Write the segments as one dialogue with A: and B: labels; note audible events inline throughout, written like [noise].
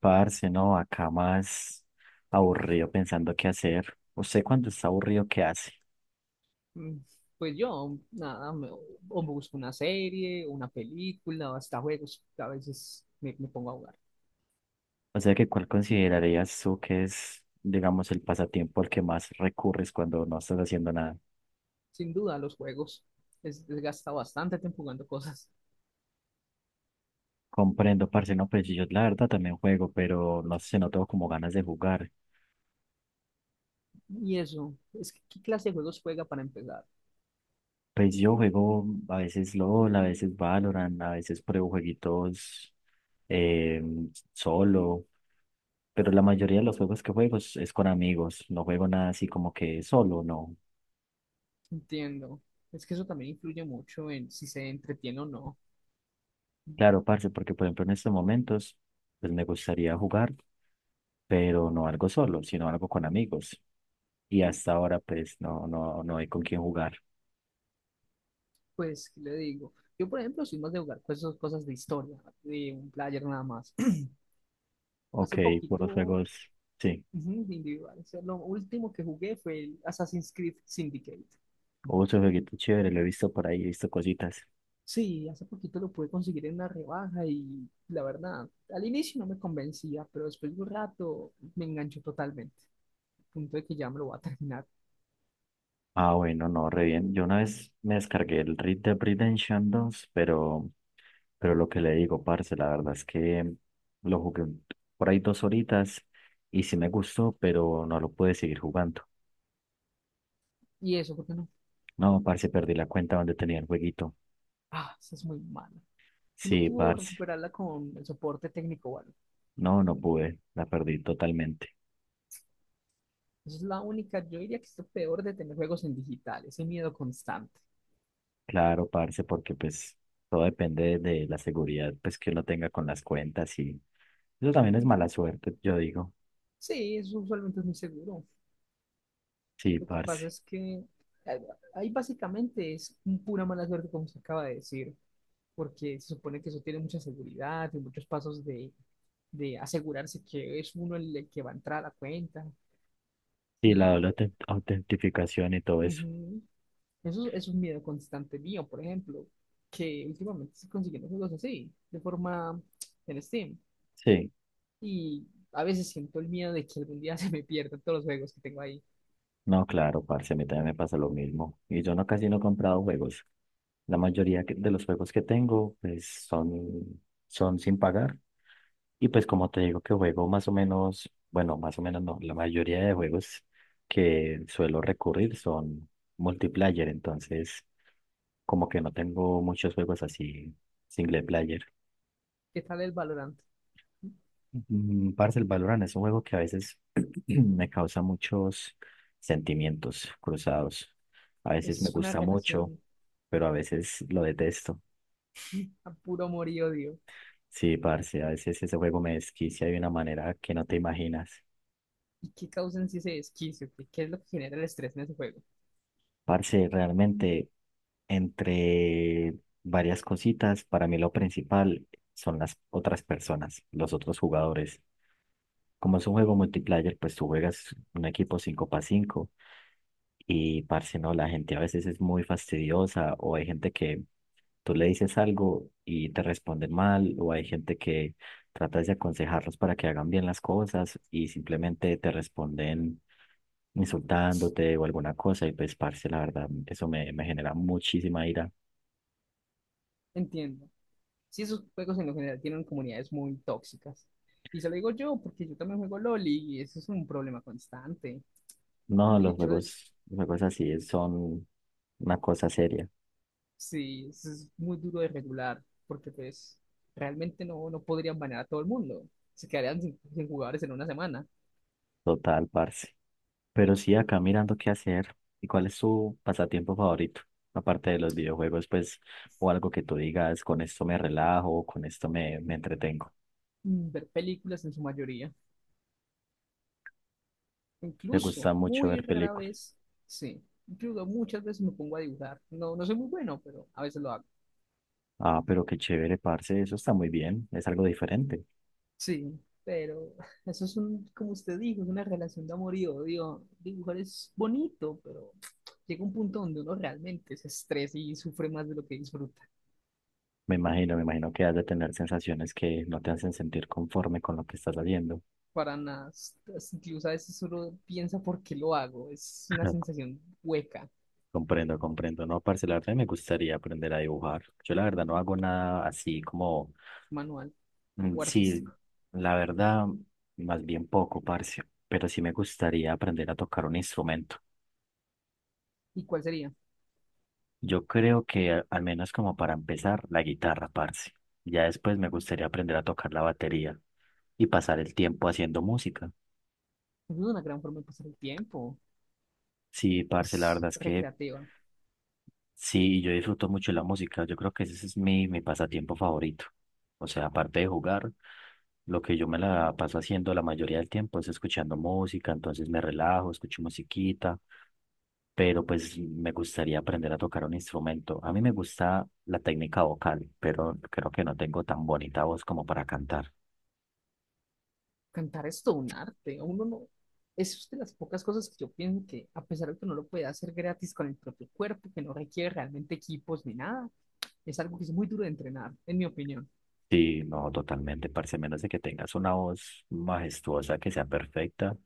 A: Parce, no, acá más aburrido pensando qué hacer. ¿Usted cuando está aburrido, qué hace?
B: Mm. Pues yo, nada, o me busco una serie, una película, o hasta juegos. A veces me pongo a jugar.
A: O sea, que ¿cuál considerarías tú que es, digamos, el pasatiempo al que más recurres cuando no estás haciendo nada?
B: Sin duda, los juegos desgasta bastante tiempo jugando cosas.
A: Comprendo, parce, no, pues yo la verdad también juego, pero no sé, no tengo como ganas de jugar.
B: Y eso, ¿es que qué clase de juegos juega para empezar?
A: Pues yo juego a veces LOL, a veces Valorant, a veces pruebo jueguitos eh, solo, pero la mayoría de los juegos que juego es con amigos, no juego nada así como que solo, no.
B: Entiendo. Es que eso también influye mucho en si se entretiene o no.
A: Claro, parce, porque por ejemplo en estos momentos, pues me gustaría jugar, pero no algo solo, sino algo con amigos. Y hasta ahora, pues no, no, no hay con quién jugar.
B: Pues, ¿qué le digo? Yo, por ejemplo, soy más de jugar cosas de historia, de un player nada más. [clears throat]
A: Ok,
B: Hace
A: por los
B: poquito,
A: juegos, sí.
B: ujú, de individual, o sea, lo último que jugué fue el Assassin's Creed Syndicate.
A: Hubo su jueguito chévere, lo he visto por ahí, he visto cositas.
B: Sí, hace poquito lo pude conseguir en una rebaja y la verdad, al inicio no me convencía, pero después de un rato me enganchó totalmente, al punto de que ya me lo voy a terminar.
A: Ah, bueno, no, re bien. Yo una vez me descargué el Red Dead Redemption 2, pero lo que le digo, parce, la verdad es que lo jugué por ahí dos horitas y sí me gustó, pero no lo pude seguir jugando.
B: ¿Y eso, porque no?
A: No, parce, perdí la cuenta donde tenía el jueguito.
B: Ah, esa es muy mala. ¿Y no
A: Sí,
B: pudo
A: parce.
B: recuperarla con el soporte técnico? Bueno.
A: No, no pude. La perdí totalmente.
B: Esa es la única, yo diría que es lo peor de tener juegos en digital, ese miedo constante.
A: Claro, parce, porque pues todo depende de la seguridad pues que uno tenga con las cuentas y eso también es mala suerte, yo digo.
B: Sí, eso usualmente es muy seguro.
A: Sí,
B: Lo que pasa
A: parce.
B: es que eh, ahí básicamente es un pura mala suerte, como se acaba de decir, porque se supone que eso tiene mucha seguridad y muchos pasos de asegurarse que es uno el que va a entrar a la cuenta.
A: Sí, la
B: Y
A: doble autentificación y todo eso.
B: ujú, eso es un miedo constante mío, por ejemplo, que últimamente estoy consiguiendo juegos así, de forma en Steam.
A: Sí.
B: Y a veces siento el miedo de que algún día [laughs] se me pierdan todos los juegos que tengo ahí.
A: No, claro, parce, a mí también me pasa lo mismo. Y yo no casi no he comprado juegos. La mayoría de los juegos que tengo pues son, son sin pagar. Y pues como te digo que juego más o menos, bueno, más o menos no, la mayoría de juegos que suelo recurrir son multiplayer, entonces como que no tengo muchos juegos así single player.
B: ¿Qué tal el Valorant?
A: Parce, el Valorant es un juego que a veces [clears throat] me causa muchos sentimientos cruzados. A veces me
B: Es una
A: gusta mucho,
B: relación
A: pero a veces lo detesto.
B: a puro amor y odio.
A: Sí, parce, a veces ese juego me desquicia de una manera que no te imaginas.
B: ¿Y qué causan si ese desquicio? ¿¿Qué es lo que genera el estrés en ese juego?
A: Parce, realmente entre varias cositas. Para mí lo principal son las otras personas, los otros jugadores. Como es un juego multiplayer, pues tú juegas un equipo 5 para 5 y, parce, no, la gente a veces es muy fastidiosa o hay gente que tú le dices algo y te responden mal o hay gente que tratas de aconsejarlos para que hagan bien las cosas y simplemente te responden insultándote o alguna cosa y pues, parce, la verdad, eso me genera muchísima ira.
B: Entiendo. Si esos juegos en lo general tienen comunidades muy tóxicas. Y se lo digo yo porque yo también juego LOL y eso es un problema constante.
A: No,
B: El hecho de,
A: los juegos así son una cosa seria,
B: sí, eso es muy duro de regular porque pues realmente no podrían banear a todo el mundo. Se quedarían sin jugadores en una semana.
A: total, parce. Pero sí, acá mirando qué hacer. ¿Y cuál es tu pasatiempo favorito? Aparte de los videojuegos, pues, o algo que tú digas, con esto me relajo, o con esto me entretengo.
B: Ver películas en su mayoría.
A: ¿Te
B: Incluso
A: gusta mucho
B: muy
A: ver
B: rara
A: películas?
B: vez, sí. Incluso muchas veces me, pongo a dibujar. No, no soy muy bueno, pero a veces lo hago.
A: Ah, pero qué chévere, parce, eso está muy bien, es algo diferente.
B: Sí, pero [laughs] eso es un, como usted dijo, es una relación de amor y odio. Dibujar es bonito, pero [tsk] llega un punto donde uno realmente se estresa y sufre más de lo que disfruta.
A: Me imagino que has de tener sensaciones que no te hacen sentir conforme con lo que estás haciendo.
B: Para nada, incluso a veces uno piensa por qué lo hago. Es una
A: [laughs]
B: sensación hueca,
A: Comprendo, comprendo. No, parce, la verdad me gustaría aprender a dibujar. Yo la verdad no hago nada así como,
B: manual
A: mm,
B: o artístico.
A: sí, la verdad, más bien poco, parce, pero sí me gustaría aprender a tocar un instrumento.
B: ¿Y cuál sería?
A: Yo creo que al menos como para empezar, la guitarra, parce. Ya después me gustaría aprender a tocar la batería y pasar el tiempo haciendo música.
B: Es una gran forma de pasar el tiempo.
A: Sí, parce, la
B: Es
A: verdad es que
B: recreativa.
A: sí, yo disfruto mucho la música. Yo creo que ese es mi pasatiempo favorito. O sea, aparte de jugar, lo que yo me la paso haciendo la mayoría del tiempo es escuchando música, entonces me relajo, escucho musiquita, pero pues me gustaría aprender a tocar un instrumento. A mí me gusta la técnica vocal, pero creo que no tengo tan bonita voz como para cantar.
B: Cantar es todo un arte. Uno no, es de las pocas cosas que yo pienso que, a pesar de que no lo puede hacer gratis con el propio cuerpo, que no requiere realmente equipos ni nada, es algo que es muy duro de entrenar, en mi opinión.
A: Sí, no, totalmente, parce, a menos de que tengas una voz majestuosa que sea perfecta,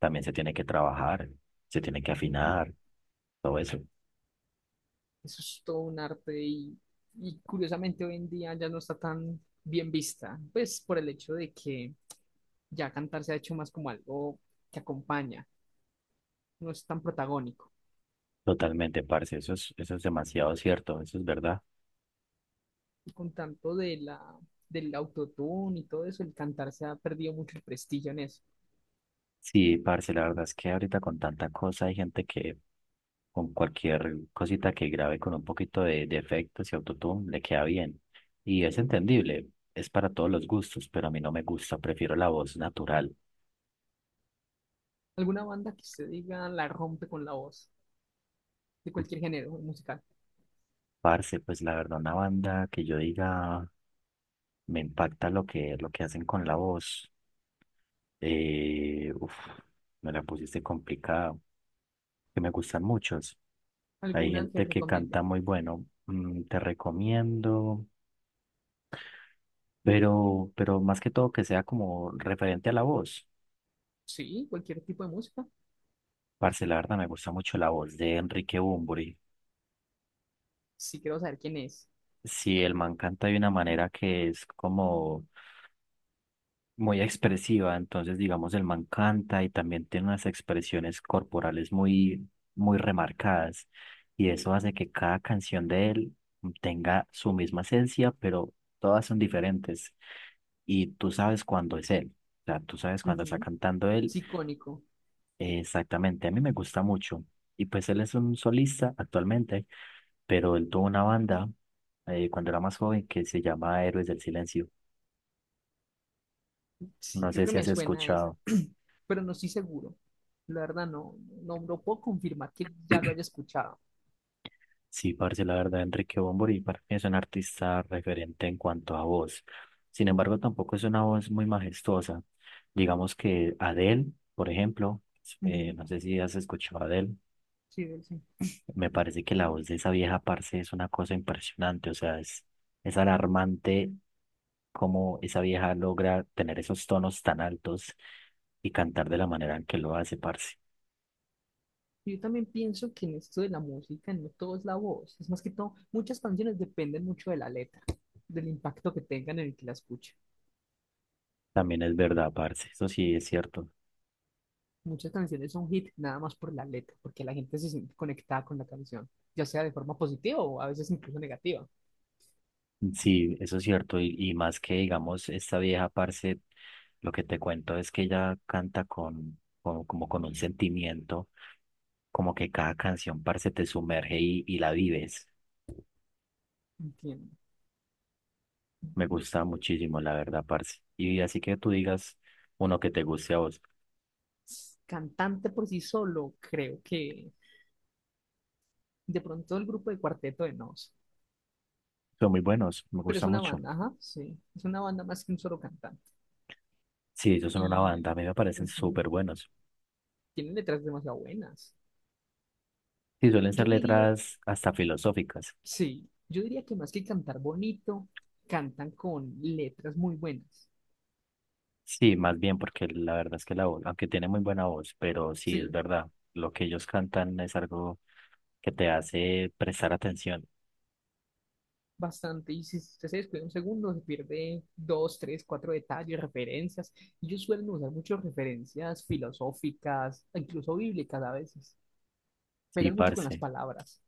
A: también se tiene que trabajar, se tiene que
B: Ujú.
A: afinar, todo eso.
B: Eso es todo un arte y curiosamente hoy en día ya no está tan bien vista, pues por el hecho de que ya cantar se ha hecho más como algo que acompaña, no es tan protagónico.
A: Totalmente, parce, eso es demasiado cierto, eso es verdad.
B: Con tanto del autotune y todo eso, el cantar se ha perdido mucho el prestigio en eso.
A: Sí, parce, la verdad es que ahorita con tanta cosa hay gente que con cualquier cosita que grabe con un poquito de efectos y autotune le queda bien. Y es entendible, es para todos los gustos, pero a mí no me gusta, prefiero la voz natural.
B: ¿Alguna banda que usted diga la rompe con la voz de cualquier género musical?
A: Parce, pues la verdad, una banda que yo diga me impacta lo que hacen con la voz. Eh, uf, me la pusiste complicada. Que me gustan muchos. Hay
B: ¿Alguna que
A: gente que
B: recomiende?
A: canta muy bueno, mm, te recomiendo, pero más que todo que sea como referente a la voz.
B: Sí, cualquier tipo de música.
A: Parce, la verdad me gusta mucho la voz de Enrique Bunbury.
B: Sí, quiero saber quién es.
A: Si el man canta de una manera que es como muy expresiva, entonces digamos el man canta y también tiene unas expresiones corporales muy, muy remarcadas y eso hace que cada canción de él tenga su misma esencia, pero todas son diferentes. Y tú sabes cuándo es él. O sea, tú sabes cuándo está
B: Ujú.
A: cantando él.
B: Sí, icónico.
A: Exactamente, a mí me gusta mucho. Y pues él es un solista actualmente, pero él tuvo una banda cuando era más joven que se llama Héroes del Silencio.
B: Sí,
A: No
B: creo
A: sé
B: que
A: si
B: me
A: has
B: suena esa,
A: escuchado.
B: pero no estoy seguro. La verdad, no, puedo confirmar que ya lo haya escuchado.
A: Sí, parce, la verdad, Enrique Bunbury para mí es un artista referente en cuanto a voz. Sin embargo, tampoco es una voz muy majestuosa. Digamos que Adele, por ejemplo,
B: Ujú.
A: no sé si has escuchado a Adele.
B: Sí, sí.
A: Me parece que la voz de esa vieja parce es una cosa impresionante, o sea, es alarmante cómo esa vieja logra tener esos tonos tan altos y cantar de la manera en que lo hace, parce.
B: Yo también pienso que en esto de la música no todo es la voz, es más que todo, muchas canciones dependen mucho de la letra, del impacto que tengan en el que la escuche.
A: También es verdad, parce, eso sí es cierto.
B: Muchas canciones son hit nada más por la letra, porque la gente se siente conectada con la canción, ya sea de forma positiva o a veces incluso negativa.
A: Sí, eso es cierto, y más que, digamos, esta vieja, parce, lo que te cuento es que ella canta con, como con un sentimiento, como que cada canción, parce, te sumerge y la vives.
B: Entiendo.
A: Me gusta muchísimo, la verdad, parce. Y así que tú digas uno que te guste a vos.
B: Cantante por sí solo, creo que de pronto el grupo de Cuarteto de Nos,
A: Son muy buenos, me
B: pero es
A: gusta
B: una
A: mucho.
B: banda, ajá, sí, es una banda más que un solo cantante.
A: Sí, ellos son una
B: Y
A: banda, a mí me parecen
B: pues, sí,
A: súper buenos.
B: tiene letras demasiado buenas.
A: Sí, suelen ser
B: Yo diría
A: letras hasta filosóficas.
B: Sí, yo diría que más que cantar bonito, cantan con letras muy buenas.
A: Sí, más bien, porque la verdad es que la voz, aunque tiene muy buena voz, pero sí es
B: Sí,
A: verdad, lo que ellos cantan es algo que te hace prestar atención.
B: bastante. Y si usted se descuida un segundo, se pierde dos, tres, cuatro detalles, referencias. Ellos suelen usar muchas referencias filosóficas, incluso bíblicas a veces.
A: Sí,
B: Pegan mucho con las
A: parce,
B: palabras.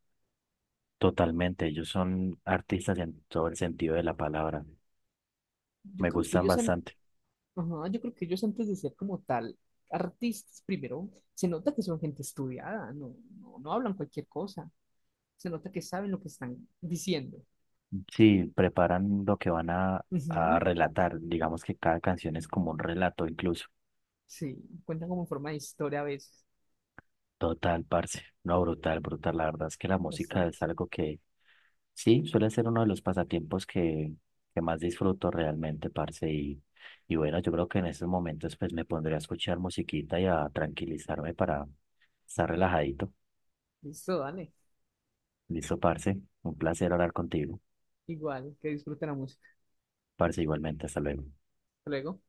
A: totalmente. Ellos son artistas en todo el sentido de la palabra.
B: Yo
A: Me
B: creo que
A: gustan
B: ellos han,
A: bastante.
B: ajá, yo creo que ellos antes de ser como tal artistas, primero, se nota que son gente estudiada, no, no, no hablan cualquier cosa. Se nota que saben lo que están diciendo.
A: Sí, preparan lo que van a
B: Ujú.
A: relatar. Digamos que cada canción es como un relato incluso.
B: Sí, cuentan como en forma de historia a veces,
A: Total, parce. No, brutal, brutal. La verdad es que la música es
B: bastante.
A: algo que sí, suele ser uno de los pasatiempos que más disfruto realmente, parce. Y bueno, yo creo que en estos momentos pues me pondré a escuchar musiquita y a tranquilizarme para estar relajadito.
B: Listo, dale.
A: Listo, parce. Un placer hablar contigo.
B: Igual, que disfruten la música.
A: Parce, igualmente. Hasta luego.
B: Hasta luego.